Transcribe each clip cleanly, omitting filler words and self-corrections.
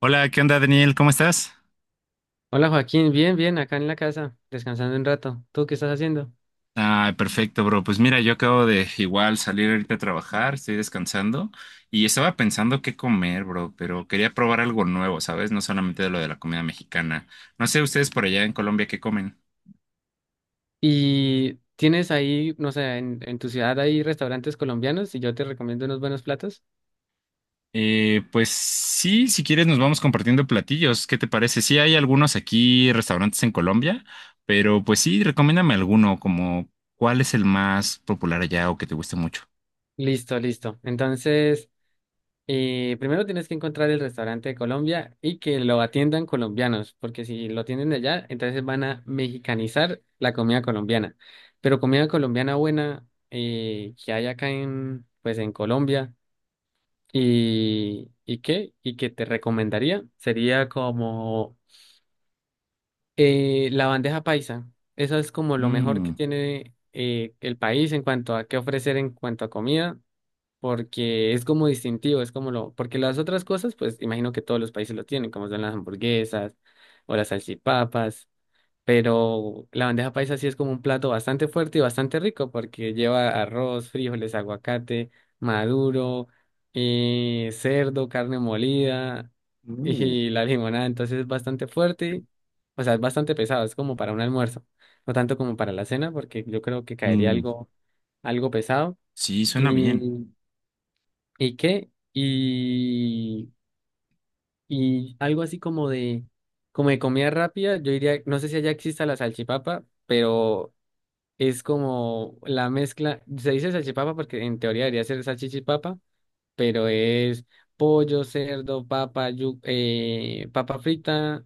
Hola, ¿qué onda, Daniel? ¿Cómo estás? Hola Joaquín, bien, bien, acá en la casa, descansando un rato. ¿Tú qué estás haciendo? Ah, perfecto, bro. Pues mira, yo acabo de igual salir ahorita a trabajar, estoy descansando y estaba pensando qué comer, bro, pero quería probar algo nuevo, ¿sabes? No solamente de lo de la comida mexicana. No sé ustedes por allá en Colombia qué comen. ¿Y tienes ahí, no sé, en tu ciudad hay restaurantes colombianos y yo te recomiendo unos buenos platos? Pues sí, si quieres nos vamos compartiendo platillos. ¿Qué te parece? Sí, hay algunos aquí, restaurantes en Colombia, pero pues sí, recomiéndame alguno, como cuál es el más popular allá o que te guste mucho. Listo, listo. Entonces, primero tienes que encontrar el restaurante de Colombia y que lo atiendan colombianos, porque si lo atienden de allá, entonces van a mexicanizar la comida colombiana. Pero comida colombiana buena que hay acá en, pues, en Colombia. ¿Y qué? ¿Y qué te recomendaría? Sería como la bandeja paisa. Eso es como lo mejor que Mm. tiene el país en cuanto a qué ofrecer en cuanto a comida, porque es como distintivo, es como lo... Porque las otras cosas, pues imagino que todos los países lo tienen, como son las hamburguesas o las salchipapas. Pero la bandeja paisa sí es como un plato bastante fuerte y bastante rico porque lleva arroz, frijoles, aguacate, maduro, cerdo, carne molida Uh. y la limonada. Entonces es bastante fuerte, o sea, es bastante pesado, es como para un almuerzo, no tanto como para la cena porque yo creo que caería Mm. algo, algo pesado. Sí, suena bien. ¿Y, y qué? Y algo así como de comida rápida, yo diría, no sé si allá exista la salchipapa, pero es como la mezcla, se dice salchipapa porque en teoría debería ser salchichipapa, pero es pollo, cerdo, papa, papa frita,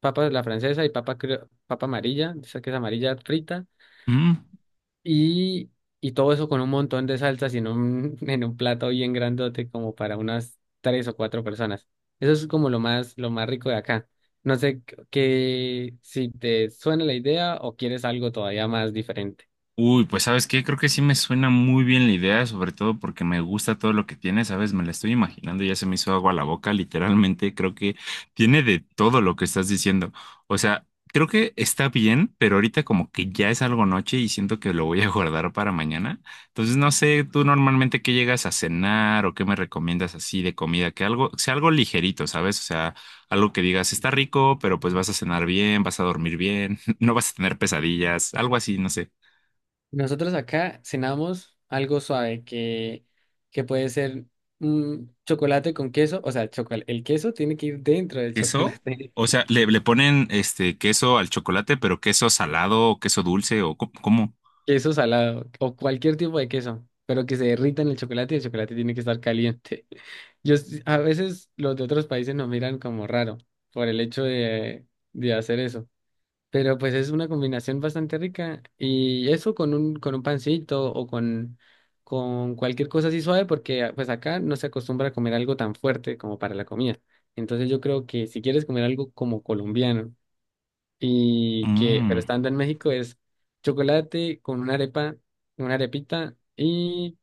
papa de la francesa y papa, papa amarilla, esa que es amarilla frita, Mm. y, y todo eso con un montón de salsas y en un, en un plato bien grandote como para unas tres o cuatro personas. Eso es como lo más rico de acá. No sé qué, si te suena la idea o quieres algo todavía más diferente. Uy, pues ¿sabes qué? Creo que sí me suena muy bien la idea, sobre todo porque me gusta todo lo que tiene, ¿sabes? Me la estoy imaginando, y ya se me hizo agua a la boca, literalmente. Creo que tiene de todo lo que estás diciendo. O sea, creo que está bien, pero ahorita como que ya es algo noche y siento que lo voy a guardar para mañana. Entonces, no sé, tú normalmente qué llegas a cenar o qué me recomiendas así de comida, que algo, sea algo ligerito, ¿sabes? O sea, algo que digas, está rico, pero pues vas a cenar bien, vas a dormir bien, no vas a tener pesadillas, algo así, no sé. Nosotros acá cenamos algo suave que puede ser un chocolate con queso, o sea, el queso tiene que ir dentro del ¿Queso? chocolate, O sea, le ponen este queso al chocolate, pero queso salado, queso dulce o cómo. queso salado o cualquier tipo de queso, pero que se derrita en el chocolate y el chocolate tiene que estar caliente. A veces los de otros países nos miran como raro por el hecho de hacer eso. Pero pues es una combinación bastante rica. Y eso con un pancito o con cualquier cosa así suave, porque ah, pues acá no se acostumbra a comer algo tan fuerte como para la comida. Entonces yo creo que si quieres comer algo como colombiano y que, pero Mm. estando en México es chocolate con una arepa, una arepita y,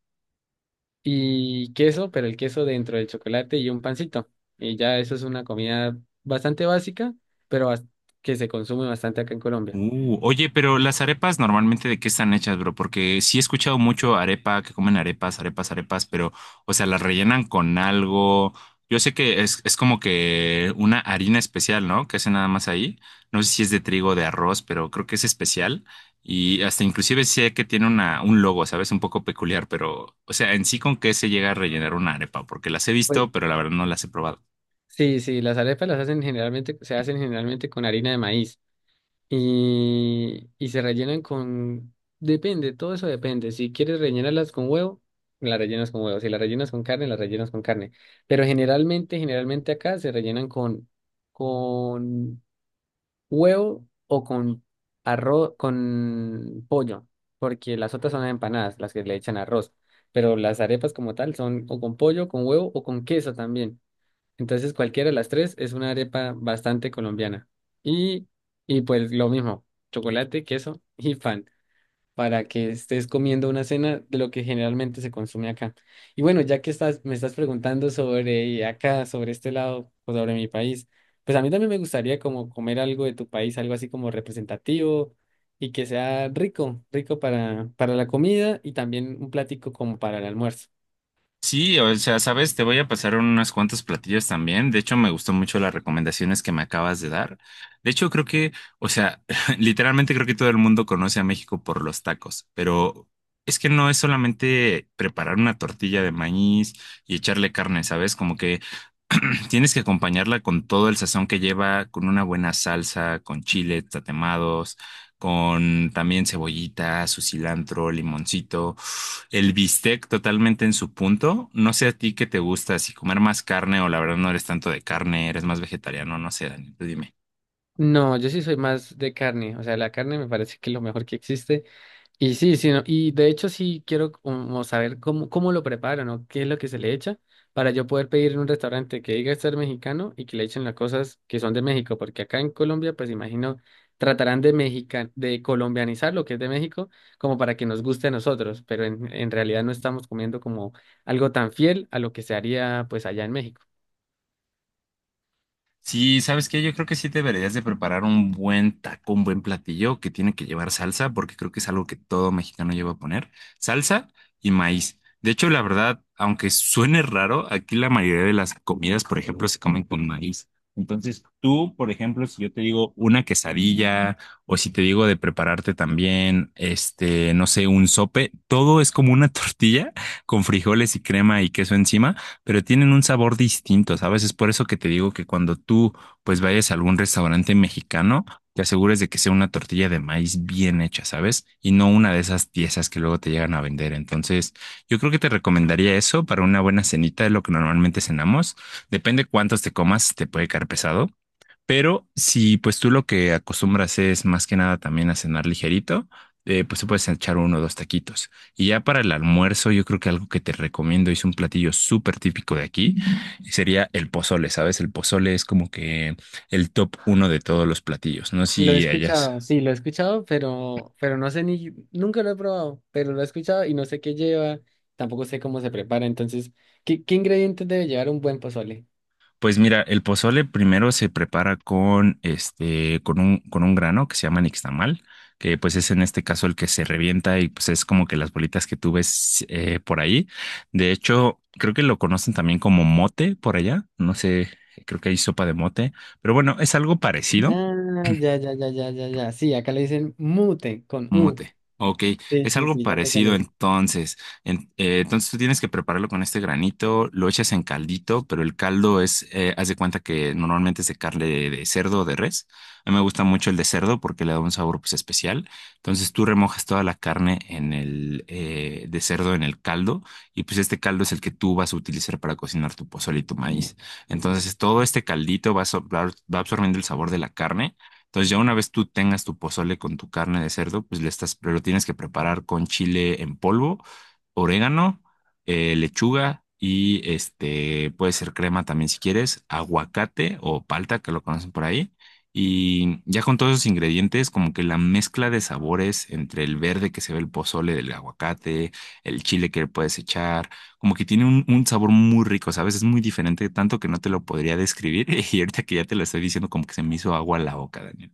y queso, pero el queso dentro del chocolate y un pancito. Y ya eso es una comida bastante básica, pero bas- que se consume bastante acá en Colombia. Oye, pero las arepas normalmente de qué están hechas, ¿bro? Porque sí he escuchado mucho arepa, que comen arepas, arepas, arepas, pero, o sea, las rellenan con algo. Yo sé que es como que una harina especial, ¿no? Que hacen nada más ahí. No sé si es de trigo o de arroz, pero creo que es especial. Y hasta inclusive sé que tiene una, un logo, ¿sabes? Un poco peculiar, pero, o sea, en sí con qué se llega a rellenar una arepa, porque las he visto, pero la verdad no las he probado. Sí, sí, las arepas las hacen generalmente, se hacen generalmente con harina de maíz y se rellenan con, depende, todo eso depende. Si quieres rellenarlas con huevo, las rellenas con huevo. Si las rellenas con carne, las rellenas con carne. Pero generalmente, generalmente acá se rellenan con huevo o con arroz, con pollo, porque las otras son empanadas, las que le echan arroz. Pero las arepas como tal son o con pollo, con huevo o con queso también. Entonces, cualquiera de las tres es una arepa bastante colombiana. Y, y pues lo mismo, chocolate, queso y pan, para que estés comiendo una cena de lo que generalmente se consume acá. Y bueno, ya que estás, me estás preguntando sobre acá, sobre este lado, o sobre mi país, pues a mí también me gustaría como comer algo de tu país, algo así como representativo y que sea rico, rico para la comida y también un plático como para el almuerzo. Sí, o sea, sabes, te voy a pasar unas cuantas platillos también. De hecho, me gustó mucho las recomendaciones que me acabas de dar. De hecho, creo que, o sea, literalmente creo que todo el mundo conoce a México por los tacos, pero es que no es solamente preparar una tortilla de maíz y echarle carne, ¿sabes? Como que tienes que acompañarla con todo el sazón que lleva, con una buena salsa, con chile, tatemados, con también cebollita, su cilantro, limoncito, el bistec totalmente en su punto. No sé a ti qué te gusta, si comer más carne o la verdad no eres tanto de carne, eres más vegetariano, no sé, Dani, tú dime. No, yo sí soy más de carne, o sea, la carne me parece que es lo mejor que existe. Y sí, sí, no, y de hecho sí quiero como saber cómo, cómo lo preparan o qué es lo que se le echa para yo poder pedir en un restaurante que diga ser mexicano y que le echen las cosas que son de México, porque acá en Colombia, pues imagino, tratarán de de colombianizar lo que es de México como para que nos guste a nosotros, pero en realidad no estamos comiendo como algo tan fiel a lo que se haría pues allá en México. Sí, ¿sabes qué? Yo creo que sí deberías de preparar un buen taco, un buen platillo que tiene que llevar salsa, porque creo que es algo que todo mexicano lleva a poner, salsa y maíz. De hecho, la verdad, aunque suene raro, aquí la mayoría de las comidas, por ejemplo, se comen con maíz. Entonces, tú, por ejemplo, si yo te digo una quesadilla o si te digo de prepararte también, este, no sé, un sope, todo es como una tortilla con frijoles y crema y queso encima, pero tienen un sabor distinto, ¿sabes? Es por eso que te digo que cuando tú pues vayas a algún restaurante mexicano, te asegures de que sea una tortilla de maíz bien hecha, ¿sabes? Y no una de esas piezas que luego te llegan a vender. Entonces, yo creo que te recomendaría eso para una buena cenita, de lo que normalmente cenamos. Depende cuántos te comas, te puede caer pesado. Pero si pues tú lo que acostumbras es más que nada también a cenar ligerito, pues te puedes echar uno o dos taquitos. Y ya para el almuerzo, yo creo que algo que te recomiendo es un platillo súper típico de aquí, y sería el pozole, ¿sabes? El pozole es como que el top uno de todos los platillos, no sé Lo he si hayas. escuchado, sí, lo he escuchado, pero no sé ni, nunca lo he probado, pero lo he escuchado y no sé qué lleva, tampoco sé cómo se prepara, entonces, ¿ qué ingredientes debe llevar un buen pozole? Pues mira, el pozole primero se prepara con este, con un grano que se llama nixtamal, que pues es en este caso el que se revienta y pues es como que las bolitas que tú ves por ahí. De hecho, creo que lo conocen también como mote por allá, no sé, creo que hay sopa de mote, pero bueno, es algo parecido. Ah, ya, ya, ya, ya, ya, ya, sí, acá le dicen mute con U. Mute. Ok, Sí, es sí, algo sí, ya sé cuál parecido es. entonces. Entonces tú tienes que prepararlo con este granito, lo echas en caldito, pero el caldo es, haz de cuenta que normalmente es de carne de cerdo o de res. A mí me gusta mucho el de cerdo porque le da un sabor pues especial. Entonces tú remojas toda la carne en el de cerdo en el caldo y pues este caldo es el que tú vas a utilizar para cocinar tu pozole y tu maíz. Entonces todo este caldito va, a so- va va absorbiendo el sabor de la carne. Entonces, ya una vez tú tengas tu pozole con tu carne de cerdo, pues le estás, pero lo tienes que preparar con chile en polvo, orégano, lechuga y este puede ser crema también si quieres, aguacate o palta, que lo conocen por ahí. Y ya con todos esos ingredientes, como que la mezcla de sabores entre el verde que se ve el pozole del aguacate, el chile que le puedes echar, como que tiene un sabor muy rico, ¿sabes? Es muy diferente, tanto que no te lo podría describir. Y ahorita que ya te lo estoy diciendo, como que se me hizo agua a la boca, Daniel.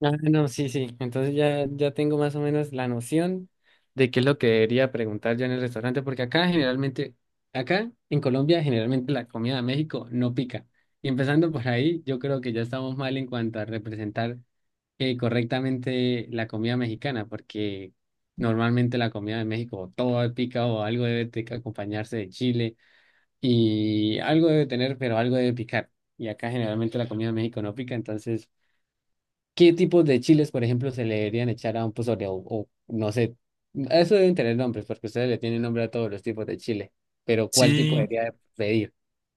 Ah, no, sí, sí. Entonces ya, ya tengo más o menos la noción de qué es lo que debería preguntar yo en el restaurante, porque acá generalmente, acá en Colombia, generalmente la comida de México no pica. Y empezando por ahí, yo creo que ya estamos mal en cuanto a representar correctamente la comida mexicana, porque normalmente la comida de México todo pica o algo debe de acompañarse de chile y algo debe tener, pero algo debe picar. Y acá generalmente la comida de México no pica, entonces. ¿Qué tipos de chiles, por ejemplo, se le deberían echar a un pozole? O no sé, eso deben tener nombres, porque ustedes le tienen nombre a todos los tipos de chile. Pero ¿cuál tipo Sí, debería de pedir?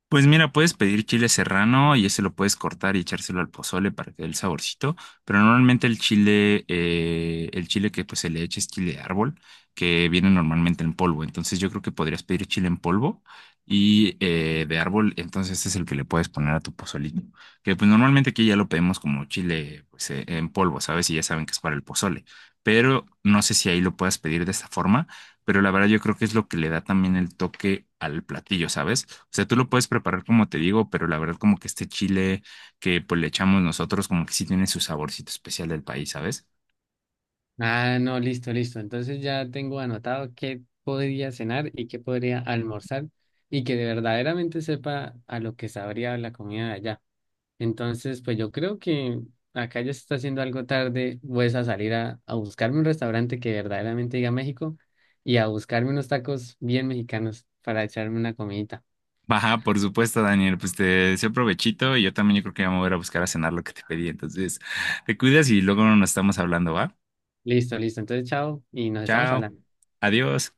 pues mira, puedes pedir chile serrano y ese lo puedes cortar y echárselo al pozole para que dé el saborcito, pero normalmente el chile que pues se le echa es chile de árbol, que viene normalmente en polvo, entonces yo creo que podrías pedir chile en polvo y de árbol, entonces este es el que le puedes poner a tu pozolito, que pues normalmente aquí ya lo pedimos como chile pues, en polvo, ¿sabes? Y ya saben que es para el pozole, pero no sé si ahí lo puedas pedir de esta forma, pero la verdad yo creo que es lo que le da también el toque al platillo, ¿sabes? O sea, tú lo puedes preparar como te digo, pero la verdad como que este chile que pues le echamos nosotros como que sí tiene su saborcito especial del país, ¿sabes? Ah, no, listo, listo. Entonces ya tengo anotado qué podría cenar y qué podría almorzar y que de verdaderamente sepa a lo que sabría la comida de allá. Entonces, pues yo creo que acá ya se está haciendo algo tarde, pues a salir a buscarme un restaurante que verdaderamente diga México y a buscarme unos tacos bien mexicanos para echarme una comidita. Baja, por supuesto, Daniel, pues te deseo provechito y yo también yo creo que ya me voy a ir a buscar a cenar lo que te pedí, entonces te cuidas y luego nos estamos hablando, ¿va? Listo, listo. Entonces, chao y nos estamos Chao, hablando. adiós.